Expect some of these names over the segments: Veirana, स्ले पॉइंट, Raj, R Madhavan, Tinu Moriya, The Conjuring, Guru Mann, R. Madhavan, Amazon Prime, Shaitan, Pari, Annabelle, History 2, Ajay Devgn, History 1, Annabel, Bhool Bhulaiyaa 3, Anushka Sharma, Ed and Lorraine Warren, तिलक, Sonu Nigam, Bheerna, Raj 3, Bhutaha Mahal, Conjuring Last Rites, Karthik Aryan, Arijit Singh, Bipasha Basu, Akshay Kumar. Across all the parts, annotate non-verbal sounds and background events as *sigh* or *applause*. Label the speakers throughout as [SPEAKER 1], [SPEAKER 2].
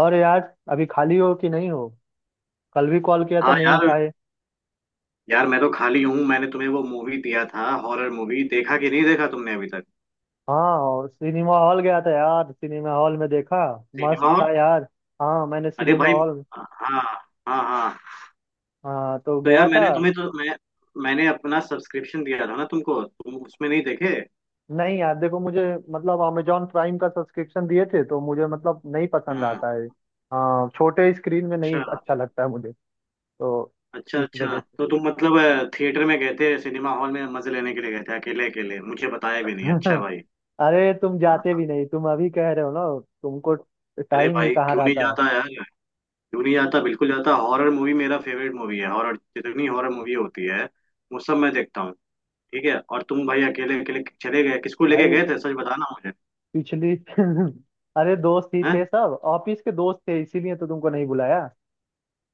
[SPEAKER 1] और यार, अभी खाली हो कि नहीं हो। कल भी कॉल किया था,
[SPEAKER 2] हाँ
[SPEAKER 1] नहीं
[SPEAKER 2] यार
[SPEAKER 1] उठाए।
[SPEAKER 2] यार मैं तो खाली हूँ। मैंने तुम्हें वो मूवी दिया था, हॉरर मूवी। देखा कि नहीं देखा तुमने अभी तक?
[SPEAKER 1] हाँ, और सिनेमा हॉल गया था यार, सिनेमा हॉल में देखा। मस्त
[SPEAKER 2] सिनेमा हॉल?
[SPEAKER 1] था यार। हाँ, मैंने
[SPEAKER 2] अरे
[SPEAKER 1] सिनेमा
[SPEAKER 2] भाई।
[SPEAKER 1] हॉल
[SPEAKER 2] हाँ। हाँ हाँ।
[SPEAKER 1] हाँ तो
[SPEAKER 2] तो
[SPEAKER 1] गया
[SPEAKER 2] यार
[SPEAKER 1] था।
[SPEAKER 2] मैंने तुम्हें तो मैं मैंने अपना सब्सक्रिप्शन दिया था ना तुमको, तुम उसमें नहीं देखे?
[SPEAKER 1] नहीं यार, देखो मुझे मतलब अमेजोन प्राइम का सब्सक्रिप्शन दिए थे तो मुझे मतलब नहीं पसंद
[SPEAKER 2] हाँ।
[SPEAKER 1] आता है। हाँ, छोटे स्क्रीन में नहीं
[SPEAKER 2] अच्छा
[SPEAKER 1] अच्छा लगता है मुझे। तो
[SPEAKER 2] अच्छा
[SPEAKER 1] इस
[SPEAKER 2] अच्छा।
[SPEAKER 1] वजह से।
[SPEAKER 2] तो तुम मतलब थिएटर में गए थे, सिनेमा हॉल में मजे लेने के लिए गए थे, अकेले अकेले। मुझे बताया भी नहीं, अच्छा
[SPEAKER 1] *laughs*
[SPEAKER 2] भाई।
[SPEAKER 1] अरे तुम जाते
[SPEAKER 2] हाँ।
[SPEAKER 1] भी नहीं, तुम अभी कह रहे हो ना तुमको
[SPEAKER 2] अरे
[SPEAKER 1] टाइम ही
[SPEAKER 2] भाई
[SPEAKER 1] कहाँ
[SPEAKER 2] क्यों नहीं
[SPEAKER 1] रहता है।
[SPEAKER 2] जाता यार, क्यों नहीं जाता, बिल्कुल जाता। हॉरर मूवी मेरा फेवरेट मूवी है। हॉरर जितनी हॉरर मूवी होती है वो सब मैं देखता हूँ। ठीक है। और तुम भाई अकेले अकेले चले गए, किसको लेके
[SPEAKER 1] भाई
[SPEAKER 2] गए थे? सच बताना मुझे।
[SPEAKER 1] पिछली *laughs* अरे दोस्त ही
[SPEAKER 2] हैं?
[SPEAKER 1] थे, सब ऑफिस के दोस्त थे, इसीलिए तो तुमको नहीं बुलाया।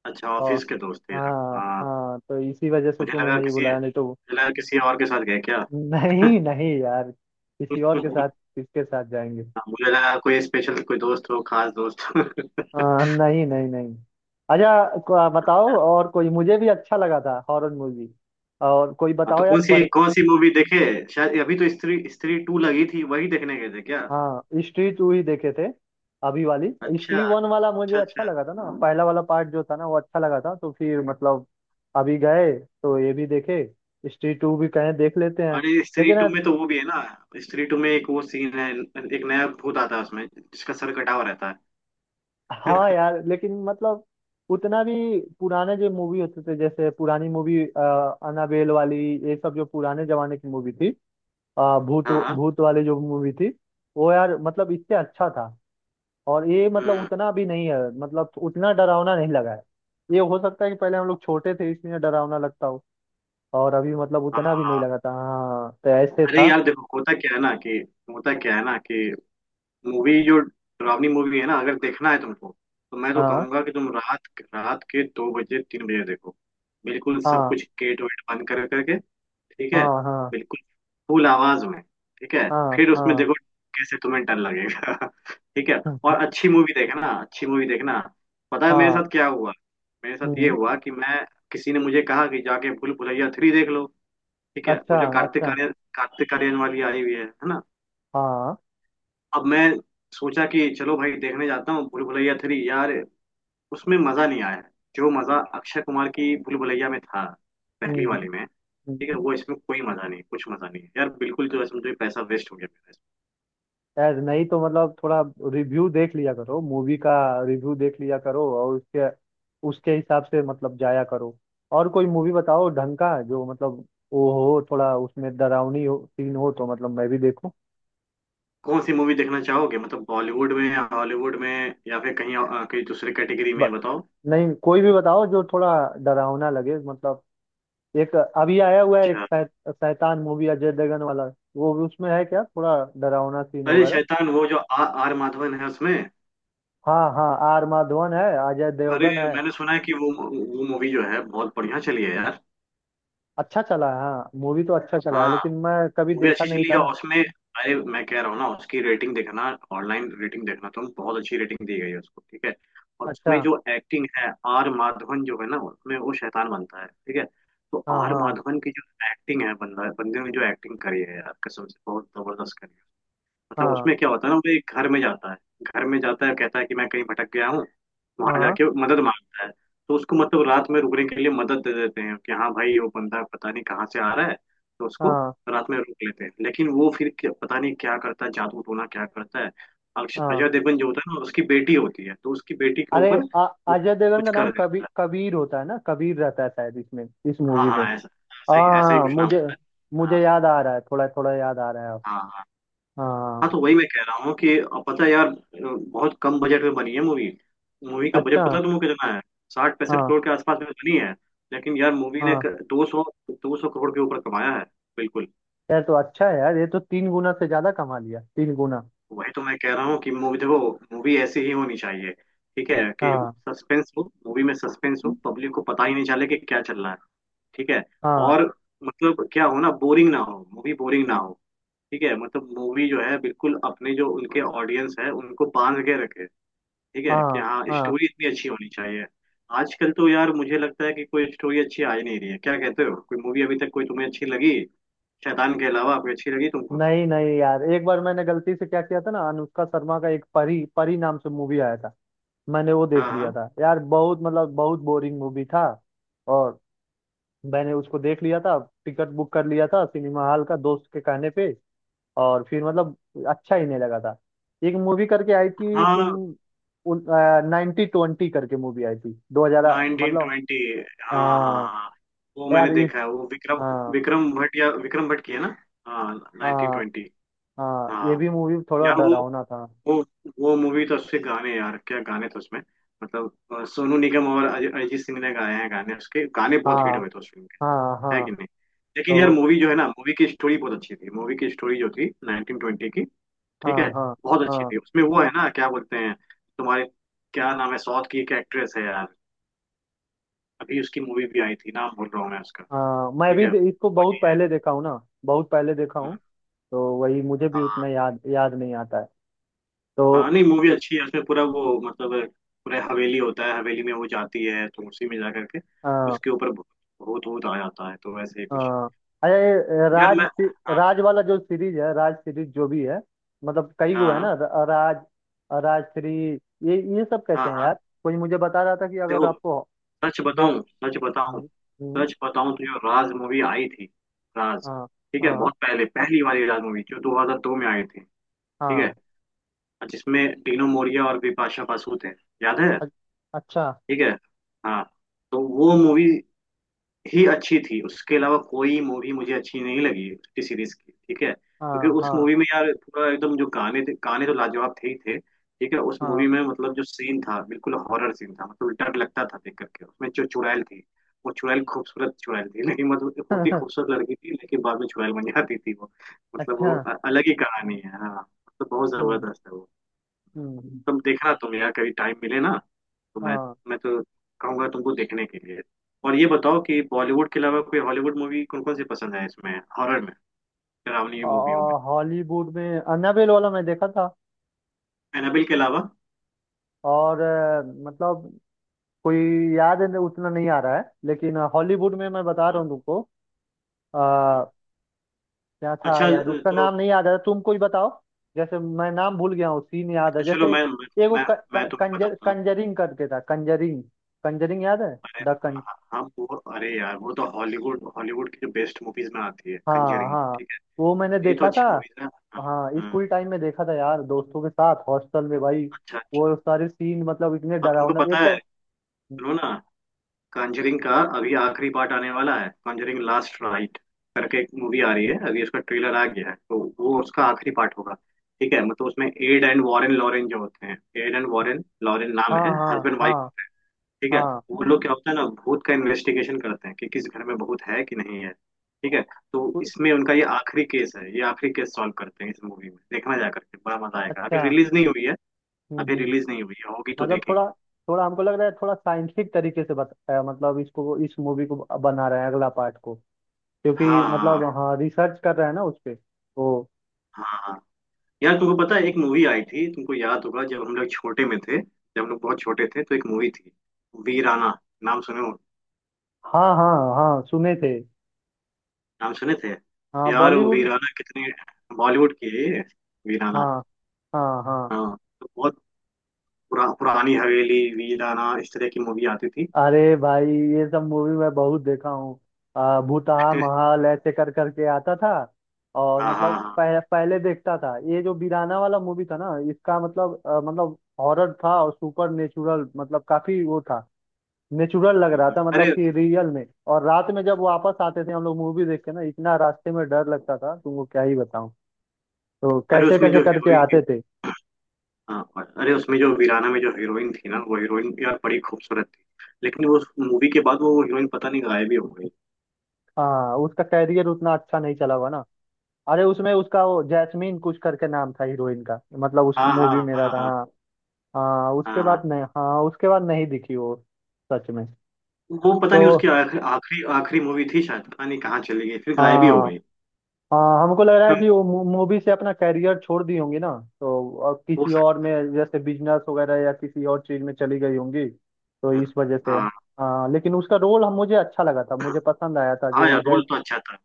[SPEAKER 2] अच्छा,
[SPEAKER 1] और
[SPEAKER 2] ऑफिस के दोस्त थे यार।
[SPEAKER 1] हाँ
[SPEAKER 2] हाँ,
[SPEAKER 1] हाँ, तो इसी वजह से
[SPEAKER 2] मुझे
[SPEAKER 1] तुम्हें
[SPEAKER 2] लगा
[SPEAKER 1] नहीं
[SPEAKER 2] किसी
[SPEAKER 1] बुलाया, नहीं तो।
[SPEAKER 2] मुझे लगा किसी और के साथ गए क्या?
[SPEAKER 1] *laughs* नहीं नहीं यार,
[SPEAKER 2] *laughs*
[SPEAKER 1] किसी और के
[SPEAKER 2] हाँ।
[SPEAKER 1] साथ किसके साथ जाएंगे।
[SPEAKER 2] मुझे लगा कोई स्पेशल, कोई दोस्त हो, खास दोस्त। *laughs*
[SPEAKER 1] हाँ, नहीं नहीं नहीं। अच्छा, बताओ और कोई, मुझे भी अच्छा लगा था हॉरर मूवी। और कोई
[SPEAKER 2] हाँ
[SPEAKER 1] बताओ
[SPEAKER 2] तो
[SPEAKER 1] यार बड़े।
[SPEAKER 2] कौन सी मूवी देखे? शायद अभी तो स्त्री स्त्री टू लगी थी, वही देखने गए थे क्या?
[SPEAKER 1] हाँ, हिस्ट्री 2 ही देखे थे। अभी वाली
[SPEAKER 2] अच्छा
[SPEAKER 1] हिस्ट्री 1 वाला मुझे
[SPEAKER 2] अच्छा
[SPEAKER 1] अच्छा
[SPEAKER 2] अच्छा।
[SPEAKER 1] लगा था ना, पहला वाला पार्ट जो था ना वो अच्छा लगा था, तो फिर मतलब अभी गए तो ये भी देखे, हिस्ट्री 2 भी कहें देख लेते हैं।
[SPEAKER 2] अरे स्त्री
[SPEAKER 1] लेकिन
[SPEAKER 2] टू में तो वो भी है ना, स्त्री टू में एक वो सीन है, एक नया भूत आता है उसमें जिसका सर कटा हुआ रहता है।
[SPEAKER 1] हाँ यार, लेकिन मतलब उतना भी पुराने जो मूवी होते थे, जैसे पुरानी मूवी अनाबेल वाली, ये सब जो पुराने जमाने की मूवी थी, भूत
[SPEAKER 2] हाँ हाँ।
[SPEAKER 1] भूत वाली जो मूवी थी, वो यार मतलब इससे अच्छा था। और ये मतलब
[SPEAKER 2] हम्म।
[SPEAKER 1] उतना भी नहीं है, मतलब उतना डरावना नहीं लगा है। ये हो सकता है कि पहले हम लोग छोटे थे इसलिए डरावना लगता हो। और अभी मतलब
[SPEAKER 2] हाँ
[SPEAKER 1] उतना भी नहीं
[SPEAKER 2] हाँ।
[SPEAKER 1] लगा था, हाँ तो ऐसे
[SPEAKER 2] अरे
[SPEAKER 1] था।
[SPEAKER 2] यार देखो, होता क्या है ना कि होता क्या है ना कि मूवी जो डरावनी मूवी है ना, अगर देखना है तुमको, तो मैं तो
[SPEAKER 1] हाँ
[SPEAKER 2] कहूंगा कि तुम रात रात के दो बजे, तीन बजे देखो। बिल्कुल सब
[SPEAKER 1] हाँ
[SPEAKER 2] कुछ गेट वेट बंद कर करके। ठीक है।
[SPEAKER 1] हाँ हाँ
[SPEAKER 2] बिल्कुल। फुल आवाज में। ठीक है।
[SPEAKER 1] हाँ
[SPEAKER 2] फिर उसमें
[SPEAKER 1] हाँ।
[SPEAKER 2] देखो कैसे तुम्हें डर लगेगा। *laughs* ठीक है। और
[SPEAKER 1] *laughs*
[SPEAKER 2] अच्छी मूवी देखना, अच्छी मूवी देखना। पता है मेरे
[SPEAKER 1] हाँ।
[SPEAKER 2] साथ क्या हुआ? मेरे साथ ये
[SPEAKER 1] हम्म।
[SPEAKER 2] हुआ कि मैं किसी ने मुझे कहा कि जाके भूल भुलैया थ्री देख लो। ठीक है, वो
[SPEAKER 1] अच्छा
[SPEAKER 2] जो कार्तिक
[SPEAKER 1] अच्छा।
[SPEAKER 2] आर्यन कार्तिक आर्यन वाली आई हुई है ना।
[SPEAKER 1] हाँ।
[SPEAKER 2] अब मैं सोचा कि चलो भाई देखने जाता हूँ भूल भुलैया थ्री यार। उसमें मजा नहीं आया, जो मजा अक्षय कुमार की भूल भुलैया में था, पहली
[SPEAKER 1] हम्म
[SPEAKER 2] वाली में। ठीक है,
[SPEAKER 1] हम्म।
[SPEAKER 2] वो इसमें कोई मजा नहीं, कुछ मजा नहीं है यार, बिल्कुल जो है, समझो पैसा वेस्ट हो गया मेरा इसमें।
[SPEAKER 1] यार नहीं तो मतलब थोड़ा रिव्यू देख लिया करो मूवी का, रिव्यू देख लिया करो और उसके उसके हिसाब से मतलब जाया करो। और कोई मूवी बताओ ढंग का, जो मतलब वो हो थोड़ा, उसमें डरावनी हो सीन हो, तो मतलब मैं भी देखूं।
[SPEAKER 2] कौन सी मूवी देखना चाहोगे? मतलब बॉलीवुड में या हॉलीवुड में, या फिर कहीं कहीं दूसरी कैटेगरी
[SPEAKER 1] ब-
[SPEAKER 2] में बताओ।
[SPEAKER 1] नहीं, कोई भी बताओ जो थोड़ा डरावना लगे, मतलब एक अभी आया हुआ है, एक
[SPEAKER 2] अच्छा।
[SPEAKER 1] शैतान मूवी अजय देवगन वाला, वो भी उसमें है क्या थोड़ा डरावना सीन
[SPEAKER 2] अरे
[SPEAKER 1] वगैरह।
[SPEAKER 2] शैतान, वो जो आर माधवन है उसमें?
[SPEAKER 1] हाँ हाँ, आर माधवन है, अजय
[SPEAKER 2] अरे
[SPEAKER 1] देवगन है।
[SPEAKER 2] मैंने सुना है कि वो मूवी जो है बहुत बढ़िया चली है यार।
[SPEAKER 1] अच्छा चला है, हाँ मूवी तो अच्छा चला है,
[SPEAKER 2] हाँ
[SPEAKER 1] लेकिन मैं कभी
[SPEAKER 2] मूवी
[SPEAKER 1] देखा
[SPEAKER 2] अच्छी
[SPEAKER 1] नहीं
[SPEAKER 2] चली
[SPEAKER 1] था
[SPEAKER 2] है,
[SPEAKER 1] ना।
[SPEAKER 2] और उसमें, अरे मैं कह रहा हूँ ना, उसकी रेटिंग देखना, ऑनलाइन रेटिंग देखना तुम, बहुत अच्छी रेटिंग दी गई है उसको, ठीक है। और
[SPEAKER 1] अच्छा।
[SPEAKER 2] उसमें जो एक्टिंग है, आर माधवन जो है ना उसमें, वो शैतान बनता है, ठीक है। तो
[SPEAKER 1] हाँ
[SPEAKER 2] आर
[SPEAKER 1] हाँ
[SPEAKER 2] माधवन की जो एक्टिंग है, बंदा बंदे ने जो एक्टिंग करी है यार, कसम से बहुत जबरदस्त करी है। मतलब
[SPEAKER 1] हाँ
[SPEAKER 2] उसमें क्या होता है ना, वो एक घर में जाता है। घर में जाता है, कहता है कि मैं कहीं भटक गया हूँ, वहां
[SPEAKER 1] हाँ
[SPEAKER 2] जाके मदद मांगता है। तो उसको मतलब रात में रुकने के लिए मदद दे देते हैं कि हाँ भाई, वो बंदा पता नहीं कहाँ से आ रहा है, तो उसको
[SPEAKER 1] हाँ
[SPEAKER 2] रात में रोक लेते हैं। लेकिन वो फिर क्या- पता नहीं क्या करता है, जादू टोना क्या करता है।
[SPEAKER 1] हाँ,
[SPEAKER 2] अजय देवगन जो होता है ना, उसकी बेटी होती है, तो उसकी बेटी के
[SPEAKER 1] अरे
[SPEAKER 2] ऊपर
[SPEAKER 1] आ-
[SPEAKER 2] वो
[SPEAKER 1] अजय देवगन
[SPEAKER 2] कुछ
[SPEAKER 1] का नाम
[SPEAKER 2] कर देता
[SPEAKER 1] कबीर
[SPEAKER 2] है।
[SPEAKER 1] कबीर होता है ना, कबीर रहता है शायद इसमें, इस
[SPEAKER 2] हाँ
[SPEAKER 1] मूवी में।
[SPEAKER 2] हाँ, ऐसा, ऐसा ही
[SPEAKER 1] हाँ
[SPEAKER 2] कुछ नाम
[SPEAKER 1] मुझे
[SPEAKER 2] होता है।
[SPEAKER 1] मुझे
[SPEAKER 2] हाँ
[SPEAKER 1] याद आ रहा है, थोड़ा थोड़ा याद आ रहा है अब।
[SPEAKER 2] हाँ हाँ। हाँ
[SPEAKER 1] हाँ,
[SPEAKER 2] तो वही मैं कह रहा हूँ कि, अब पता है यार, बहुत कम बजट में बनी है मूवी। मूवी का
[SPEAKER 1] अच्छा
[SPEAKER 2] बजट पता है तुमको कितना है? 60-65
[SPEAKER 1] हाँ
[SPEAKER 2] करोड़ के आसपास में बनी है। लेकिन यार मूवी ने
[SPEAKER 1] हाँ।
[SPEAKER 2] 200 करोड़ के ऊपर कमाया है। बिल्कुल।
[SPEAKER 1] यार तो अच्छा है यार, ये तो तीन गुना से ज्यादा कमा लिया, तीन गुना।
[SPEAKER 2] वही तो मैं कह रहा हूँ कि मूवी देखो। मूवी ऐसी ही होनी चाहिए, ठीक है, कि
[SPEAKER 1] हाँ
[SPEAKER 2] सस्पेंस हो, मूवी में सस्पेंस हो, पब्लिक को पता ही नहीं चले कि क्या चल रहा है। ठीक है।
[SPEAKER 1] हाँ
[SPEAKER 2] और मतलब क्या हो ना, बोरिंग ना हो, मूवी बोरिंग ना हो। ठीक है, मतलब मूवी जो है बिल्कुल अपने जो उनके ऑडियंस है उनको बांध के रखे, ठीक है, कि
[SPEAKER 1] हाँ
[SPEAKER 2] हाँ,
[SPEAKER 1] हाँ।
[SPEAKER 2] स्टोरी इतनी अच्छी होनी चाहिए। आजकल तो यार मुझे लगता है कि कोई स्टोरी अच्छी आ ही नहीं रही है। क्या कहते हो? कोई मूवी अभी तक कोई तुम्हें अच्छी लगी? शैतान के अलावा कोई अच्छी लगी तुमको?
[SPEAKER 1] नहीं नहीं यार, एक बार मैंने गलती से क्या किया था ना, अनुष्का शर्मा का एक परी परी नाम से मूवी आया था। मैंने वो देख लिया
[SPEAKER 2] हाँ
[SPEAKER 1] था यार, बहुत मतलब बहुत बोरिंग मूवी था। और मैंने उसको देख लिया था, टिकट बुक कर लिया था सिनेमा हॉल का दोस्त के कहने पे, और फिर मतलब अच्छा ही नहीं लगा था। एक मूवी करके आई थी तुम
[SPEAKER 2] हाँ,
[SPEAKER 1] उन, 1920 करके मूवी आई थी, 2000
[SPEAKER 2] नाइनटीन
[SPEAKER 1] मतलब।
[SPEAKER 2] ट्वेंटी हाँ हाँ
[SPEAKER 1] आ,
[SPEAKER 2] हाँ हाँ। वो
[SPEAKER 1] यार
[SPEAKER 2] मैंने
[SPEAKER 1] इस।
[SPEAKER 2] देखा है, वो विक्रम
[SPEAKER 1] हाँ
[SPEAKER 2] विक्रम भट्ट या विक्रम भट्ट की है ना। हाँ, नाइनटीन
[SPEAKER 1] हाँ
[SPEAKER 2] ट्वेंटी
[SPEAKER 1] हाँ, ये
[SPEAKER 2] हाँ
[SPEAKER 1] भी मूवी थोड़ा
[SPEAKER 2] यार,
[SPEAKER 1] डरावना था।
[SPEAKER 2] वो वो मूवी तो, उसके गाने यार, क्या गाने थे उसमें, मतलब, सोनू निगम और अरिजीत सिंह ने गाए हैं गाने, उसके गाने बहुत हिट
[SPEAKER 1] हाँ
[SPEAKER 2] हुए थे उस film।
[SPEAKER 1] हाँ
[SPEAKER 2] है
[SPEAKER 1] हाँ
[SPEAKER 2] कि नहीं? लेकिन यार
[SPEAKER 1] तो।
[SPEAKER 2] मूवी जो है ना, मूवी की स्टोरी बहुत अच्छी थी, मूवी की स्टोरी जो थी 1920 की। ठीक है,
[SPEAKER 1] हाँ हाँ
[SPEAKER 2] बहुत अच्छी
[SPEAKER 1] हाँ
[SPEAKER 2] थी। उसमें वो है ना, क्या बोलते हैं तुम्हारे, क्या नाम है, साउथ की एक एक्ट्रेस है यार, अभी उसकी मूवी भी आई थी, नाम भूल रहा हूँ मैं उसका।
[SPEAKER 1] हाँ, मैं
[SPEAKER 2] ठीक
[SPEAKER 1] भी
[SPEAKER 2] है,
[SPEAKER 1] इसको बहुत
[SPEAKER 2] वही है।
[SPEAKER 1] पहले देखा हूँ ना, बहुत पहले देखा
[SPEAKER 2] हम्म।
[SPEAKER 1] हूँ। तो वही मुझे भी
[SPEAKER 2] हाँ
[SPEAKER 1] उतना याद याद नहीं आता है।
[SPEAKER 2] हाँ,
[SPEAKER 1] तो
[SPEAKER 2] नहीं मूवी अच्छी है उसमें, पूरा वो मतलब, पूरा हवेली होता है, हवेली में वो जाती है, तो उसी में जा करके
[SPEAKER 1] हाँ
[SPEAKER 2] उसके ऊपर भूत भूत भूत आ जाता है, तो वैसे ही कुछ।
[SPEAKER 1] हाँ, अरे
[SPEAKER 2] यार मैं हाँ
[SPEAKER 1] राज वाला जो सीरीज है, राज सीरीज जो भी है, मतलब कई गो
[SPEAKER 2] हाँ
[SPEAKER 1] है
[SPEAKER 2] हाँ
[SPEAKER 1] ना, राज, राज 3, ये सब
[SPEAKER 2] हाँ
[SPEAKER 1] कैसे हैं
[SPEAKER 2] हाँ।
[SPEAKER 1] यार। कोई मुझे बता रहा था कि अगर
[SPEAKER 2] देखो,
[SPEAKER 1] आपको
[SPEAKER 2] सच
[SPEAKER 1] देख।
[SPEAKER 2] बताऊं,
[SPEAKER 1] हम्म, हम्म,
[SPEAKER 2] तो जो राज मूवी आई थी, राज।
[SPEAKER 1] हाँ
[SPEAKER 2] ठीक है,
[SPEAKER 1] हाँ
[SPEAKER 2] बहुत पहले पहली वाली राज मूवी जो 2002 में आई थी। ठीक
[SPEAKER 1] हाँ।
[SPEAKER 2] है, और जिसमें टीनू मोरिया और बिपाशा बसु थे, याद है?
[SPEAKER 1] अ- अच्छा,
[SPEAKER 2] ठीक है। हाँ, तो वो मूवी ही अच्छी थी, उसके अलावा कोई मूवी मुझे अच्छी नहीं लगी उसकी सीरीज की। ठीक है, क्योंकि
[SPEAKER 1] हाँ
[SPEAKER 2] उस
[SPEAKER 1] हाँ
[SPEAKER 2] मूवी में यार पूरा एकदम, जो गाने थे गाने तो लाजवाब थे ही थे। ठीक है, उस
[SPEAKER 1] हाँ।
[SPEAKER 2] मूवी में मतलब जो सीन था बिल्कुल हॉरर सीन था, मतलब डर लगता था देख करके। उसमें जो चुड़ैल थी, वो चुड़ैल खूबसूरत चुड़ैल थी। *laughs* लेकिन मतलब होती
[SPEAKER 1] *laughs*
[SPEAKER 2] खूबसूरत लड़की थी, लेकिन बाद में चुड़ैल बन जाती थी वो। मतलब
[SPEAKER 1] अच्छा।
[SPEAKER 2] वो अलग ही कहानी है, हाँ, मतलब बहुत
[SPEAKER 1] हम्म
[SPEAKER 2] जबरदस्त है वो।
[SPEAKER 1] हम्म।
[SPEAKER 2] तुम देखना, तुम यार, कभी टाइम मिले ना, तो मैं
[SPEAKER 1] हाँ,
[SPEAKER 2] मैं तो कहूंगा तुमको देखने के लिए। और ये बताओ कि बॉलीवुड के अलावा कोई हॉलीवुड मूवी कौन कौन सी पसंद है, इसमें हॉरर में, डरावनी मूवियों में?
[SPEAKER 1] और हॉलीवुड में अन्नाबेल वाला मैं देखा था,
[SPEAKER 2] एनाबेल के अलावा?
[SPEAKER 1] और मतलब कोई याद है उतना नहीं आ रहा है, लेकिन हॉलीवुड में मैं बता
[SPEAKER 2] अ,
[SPEAKER 1] रहा हूँ तुमको। अ, क्या था
[SPEAKER 2] अच्छा,
[SPEAKER 1] यार, उसका
[SPEAKER 2] तो
[SPEAKER 1] नाम नहीं याद आ रहा, तुम कोई बताओ। जैसे मैं नाम भूल गया हूँ, सीन याद है,
[SPEAKER 2] अच्छा चलो,
[SPEAKER 1] जैसे एगो
[SPEAKER 2] मैं
[SPEAKER 1] क,
[SPEAKER 2] मैं
[SPEAKER 1] क,
[SPEAKER 2] तुम्हें
[SPEAKER 1] कंजर,
[SPEAKER 2] बताता हूँ।
[SPEAKER 1] कंजरिंग करके था, कंजरिंग, कंजरिंग याद है,
[SPEAKER 2] अरे
[SPEAKER 1] द
[SPEAKER 2] हाँ
[SPEAKER 1] कं
[SPEAKER 2] हाँ, हाँ, वो, अरे यार वो तो हॉलीवुड हॉलीवुड की जो बेस्ट मूवीज में आती है,
[SPEAKER 1] हाँ
[SPEAKER 2] कंजरिंग,
[SPEAKER 1] हाँ,
[SPEAKER 2] ठीक
[SPEAKER 1] वो मैंने
[SPEAKER 2] है, ये तो
[SPEAKER 1] देखा था।
[SPEAKER 2] अच्छी मूवीज है। हाँ।
[SPEAKER 1] हाँ,
[SPEAKER 2] हाँ,
[SPEAKER 1] स्कूल टाइम में देखा था यार, दोस्तों के साथ हॉस्टल में भाई,
[SPEAKER 2] अच्छा अच्छा।
[SPEAKER 1] वो सारे सीन मतलब इतने
[SPEAKER 2] हाँ, तुमको
[SPEAKER 1] डरावना
[SPEAKER 2] पता
[SPEAKER 1] एक तो।
[SPEAKER 2] है, सुनो ना, कॉन्जरिंग का अभी आखिरी पार्ट आने वाला है। कॉन्जरिंग लास्ट राइट करके एक मूवी आ रही है, अभी उसका ट्रेलर आ गया है, तो वो उसका आखिरी पार्ट होगा। ठीक है, मतलब उसमें एड एंड वॉरेन लॉरेन जो होते हैं, एड एंड वॉरेन लॉरेन नाम
[SPEAKER 1] हाँ
[SPEAKER 2] है,
[SPEAKER 1] हाँ
[SPEAKER 2] हस्बैंड वाइफ।
[SPEAKER 1] हाँ
[SPEAKER 2] ठीक है।
[SPEAKER 1] हाँ।
[SPEAKER 2] वो लोग क्या होता है ना, भूत का इन्वेस्टिगेशन करते हैं कि किस घर में भूत है कि नहीं है। ठीक है। तो
[SPEAKER 1] उ-
[SPEAKER 2] इसमें उनका ये आखिरी केस है, ये आखिरी केस सॉल्व करते हैं इस मूवी में, देखना, जा करके बड़ा मजा आएगा। अभी
[SPEAKER 1] अच्छा,
[SPEAKER 2] रिलीज नहीं हुई है। अभी
[SPEAKER 1] हम्म।
[SPEAKER 2] रिलीज नहीं हुई है, होगी तो
[SPEAKER 1] मतलब थोड़ा
[SPEAKER 2] देखेंगे।
[SPEAKER 1] थोड़ा हमको लग रहा है, थोड़ा साइंटिफिक तरीके से बताया, मतलब इसको इस मूवी को बना रहे हैं अगला पार्ट को, क्योंकि
[SPEAKER 2] हाँ
[SPEAKER 1] मतलब हाँ रिसर्च कर रहे हैं ना उस पे तो।
[SPEAKER 2] हाँ हाँ। यार तुमको पता है, एक मूवी आई थी, तुमको याद होगा, जब हम लोग छोटे में थे, जब हम लोग बहुत छोटे थे, तो एक मूवी थी वीराना, नाम सुने हो?
[SPEAKER 1] हाँ हाँ हाँ सुने थे।
[SPEAKER 2] नाम सुने थे?
[SPEAKER 1] हाँ,
[SPEAKER 2] यार वो
[SPEAKER 1] बॉलीवुड।
[SPEAKER 2] वीराना कितने, बॉलीवुड की है ये? वीराना।
[SPEAKER 1] हाँ हाँ हाँ,
[SPEAKER 2] हाँ, तो बहुत पुरानी हवेली, वीराना, इस तरह की मूवी आती थी।
[SPEAKER 1] अरे भाई ये सब मूवी मैं बहुत देखा हूँ, भूतहा
[SPEAKER 2] *laughs*
[SPEAKER 1] महाल ऐसे कर करके आता था। और
[SPEAKER 2] हाँ हाँ
[SPEAKER 1] मतलब
[SPEAKER 2] हाँ।
[SPEAKER 1] पहले देखता था, ये जो बीराना वाला मूवी था ना, इसका मतलब मतलब हॉरर था और सुपर नेचुरल, मतलब काफी वो था। नेचुरल लग रहा
[SPEAKER 2] हम्म।
[SPEAKER 1] था, मतलब
[SPEAKER 2] अरे,
[SPEAKER 1] कि रियल में। और रात में जब वापस आते थे हम लोग मूवी देख के ना, इतना रास्ते में डर लगता था, तुमको क्या ही बताऊं। तो
[SPEAKER 2] अरे
[SPEAKER 1] कैसे
[SPEAKER 2] उसमें
[SPEAKER 1] कैसे
[SPEAKER 2] जो
[SPEAKER 1] करके
[SPEAKER 2] हीरोइन,
[SPEAKER 1] आते थे।
[SPEAKER 2] हाँ, अरे उसमें जो वीराना में जो हीरोइन थी ना, वो हीरोइन यार बड़ी खूबसूरत थी। लेकिन वो मूवी के बाद वो हीरोइन पता नहीं गायब ही हो गई।
[SPEAKER 1] हाँ उसका कैरियर उतना अच्छा नहीं चला हुआ ना। अरे उसमें उसका वो जैस्मीन कुछ करके नाम था हीरोइन का, मतलब उस
[SPEAKER 2] हाँ
[SPEAKER 1] मूवी
[SPEAKER 2] हाँ
[SPEAKER 1] में रहा
[SPEAKER 2] हाँ
[SPEAKER 1] था
[SPEAKER 2] हाँ
[SPEAKER 1] हाँ। हाँ उसके
[SPEAKER 2] हाँ हाँ।
[SPEAKER 1] बाद नहीं, हाँ उसके बाद नहीं दिखी वो। सच में।
[SPEAKER 2] वो पता
[SPEAKER 1] तो
[SPEAKER 2] नहीं उसकी आखिरी आखिरी आखिरी मूवी थी शायद, पता नहीं कहाँ चली गई, फिर गायब ही हो
[SPEAKER 1] हाँ
[SPEAKER 2] गई।
[SPEAKER 1] हाँ, हमको लग रहा है
[SPEAKER 2] हम्म।
[SPEAKER 1] कि वो मूवी से अपना कैरियर छोड़ दी होंगी ना। तो अब
[SPEAKER 2] हो
[SPEAKER 1] किसी और में
[SPEAKER 2] सकता
[SPEAKER 1] जैसे बिजनेस वगैरह या किसी और चीज में चली गई होंगी। तो
[SPEAKER 2] है।
[SPEAKER 1] इस वजह से।
[SPEAKER 2] हाँ।
[SPEAKER 1] हाँ, लेकिन उसका रोल हम मुझे अच्छा लगा था, मुझे पसंद आया था
[SPEAKER 2] हाँ
[SPEAKER 1] जो
[SPEAKER 2] यार
[SPEAKER 1] जय।
[SPEAKER 2] रोल तो अच्छा था।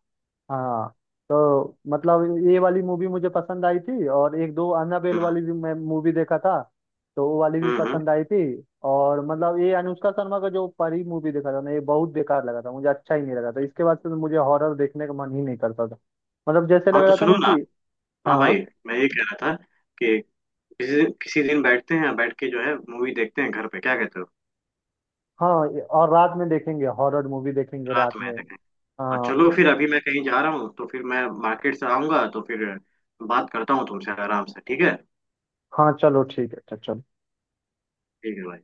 [SPEAKER 1] हाँ तो मतलब ये वाली मूवी मुझे पसंद आई थी, और एक दो अन्नाबेल
[SPEAKER 2] हम्म
[SPEAKER 1] वाली भी मैं मूवी देखा था। तो वो वाली भी
[SPEAKER 2] हम्म हम्म।
[SPEAKER 1] पसंद आई थी। और मतलब ये अनुष्का शर्मा का जो परी मूवी देखा था ना, ये बहुत बेकार लगा था, मुझे अच्छा ही नहीं लगा था, इसके बाद से तो मुझे हॉरर देखने का मन ही नहीं करता था। मतलब जैसे लग
[SPEAKER 2] हाँ तो
[SPEAKER 1] रहा था
[SPEAKER 2] सुनो
[SPEAKER 1] ना
[SPEAKER 2] ना,
[SPEAKER 1] कि।
[SPEAKER 2] हाँ भाई,
[SPEAKER 1] हाँ
[SPEAKER 2] मैं ये कह रहा था कि, किसी दिन बैठते हैं, बैठ के जो है मूवी देखते हैं घर पे, क्या कहते हो?
[SPEAKER 1] हाँ, और रात में देखेंगे, हॉरर मूवी देखेंगे
[SPEAKER 2] रात
[SPEAKER 1] रात
[SPEAKER 2] में
[SPEAKER 1] में।
[SPEAKER 2] देखें। हाँ
[SPEAKER 1] हाँ
[SPEAKER 2] चलो फिर, अभी मैं कहीं जा रहा हूँ, तो फिर मैं मार्केट से आऊंगा तो फिर बात करता हूँ तुमसे आराम से, ठीक है।
[SPEAKER 1] हाँ चलो ठीक है, अच्छा चलो।
[SPEAKER 2] ठीक है भाई।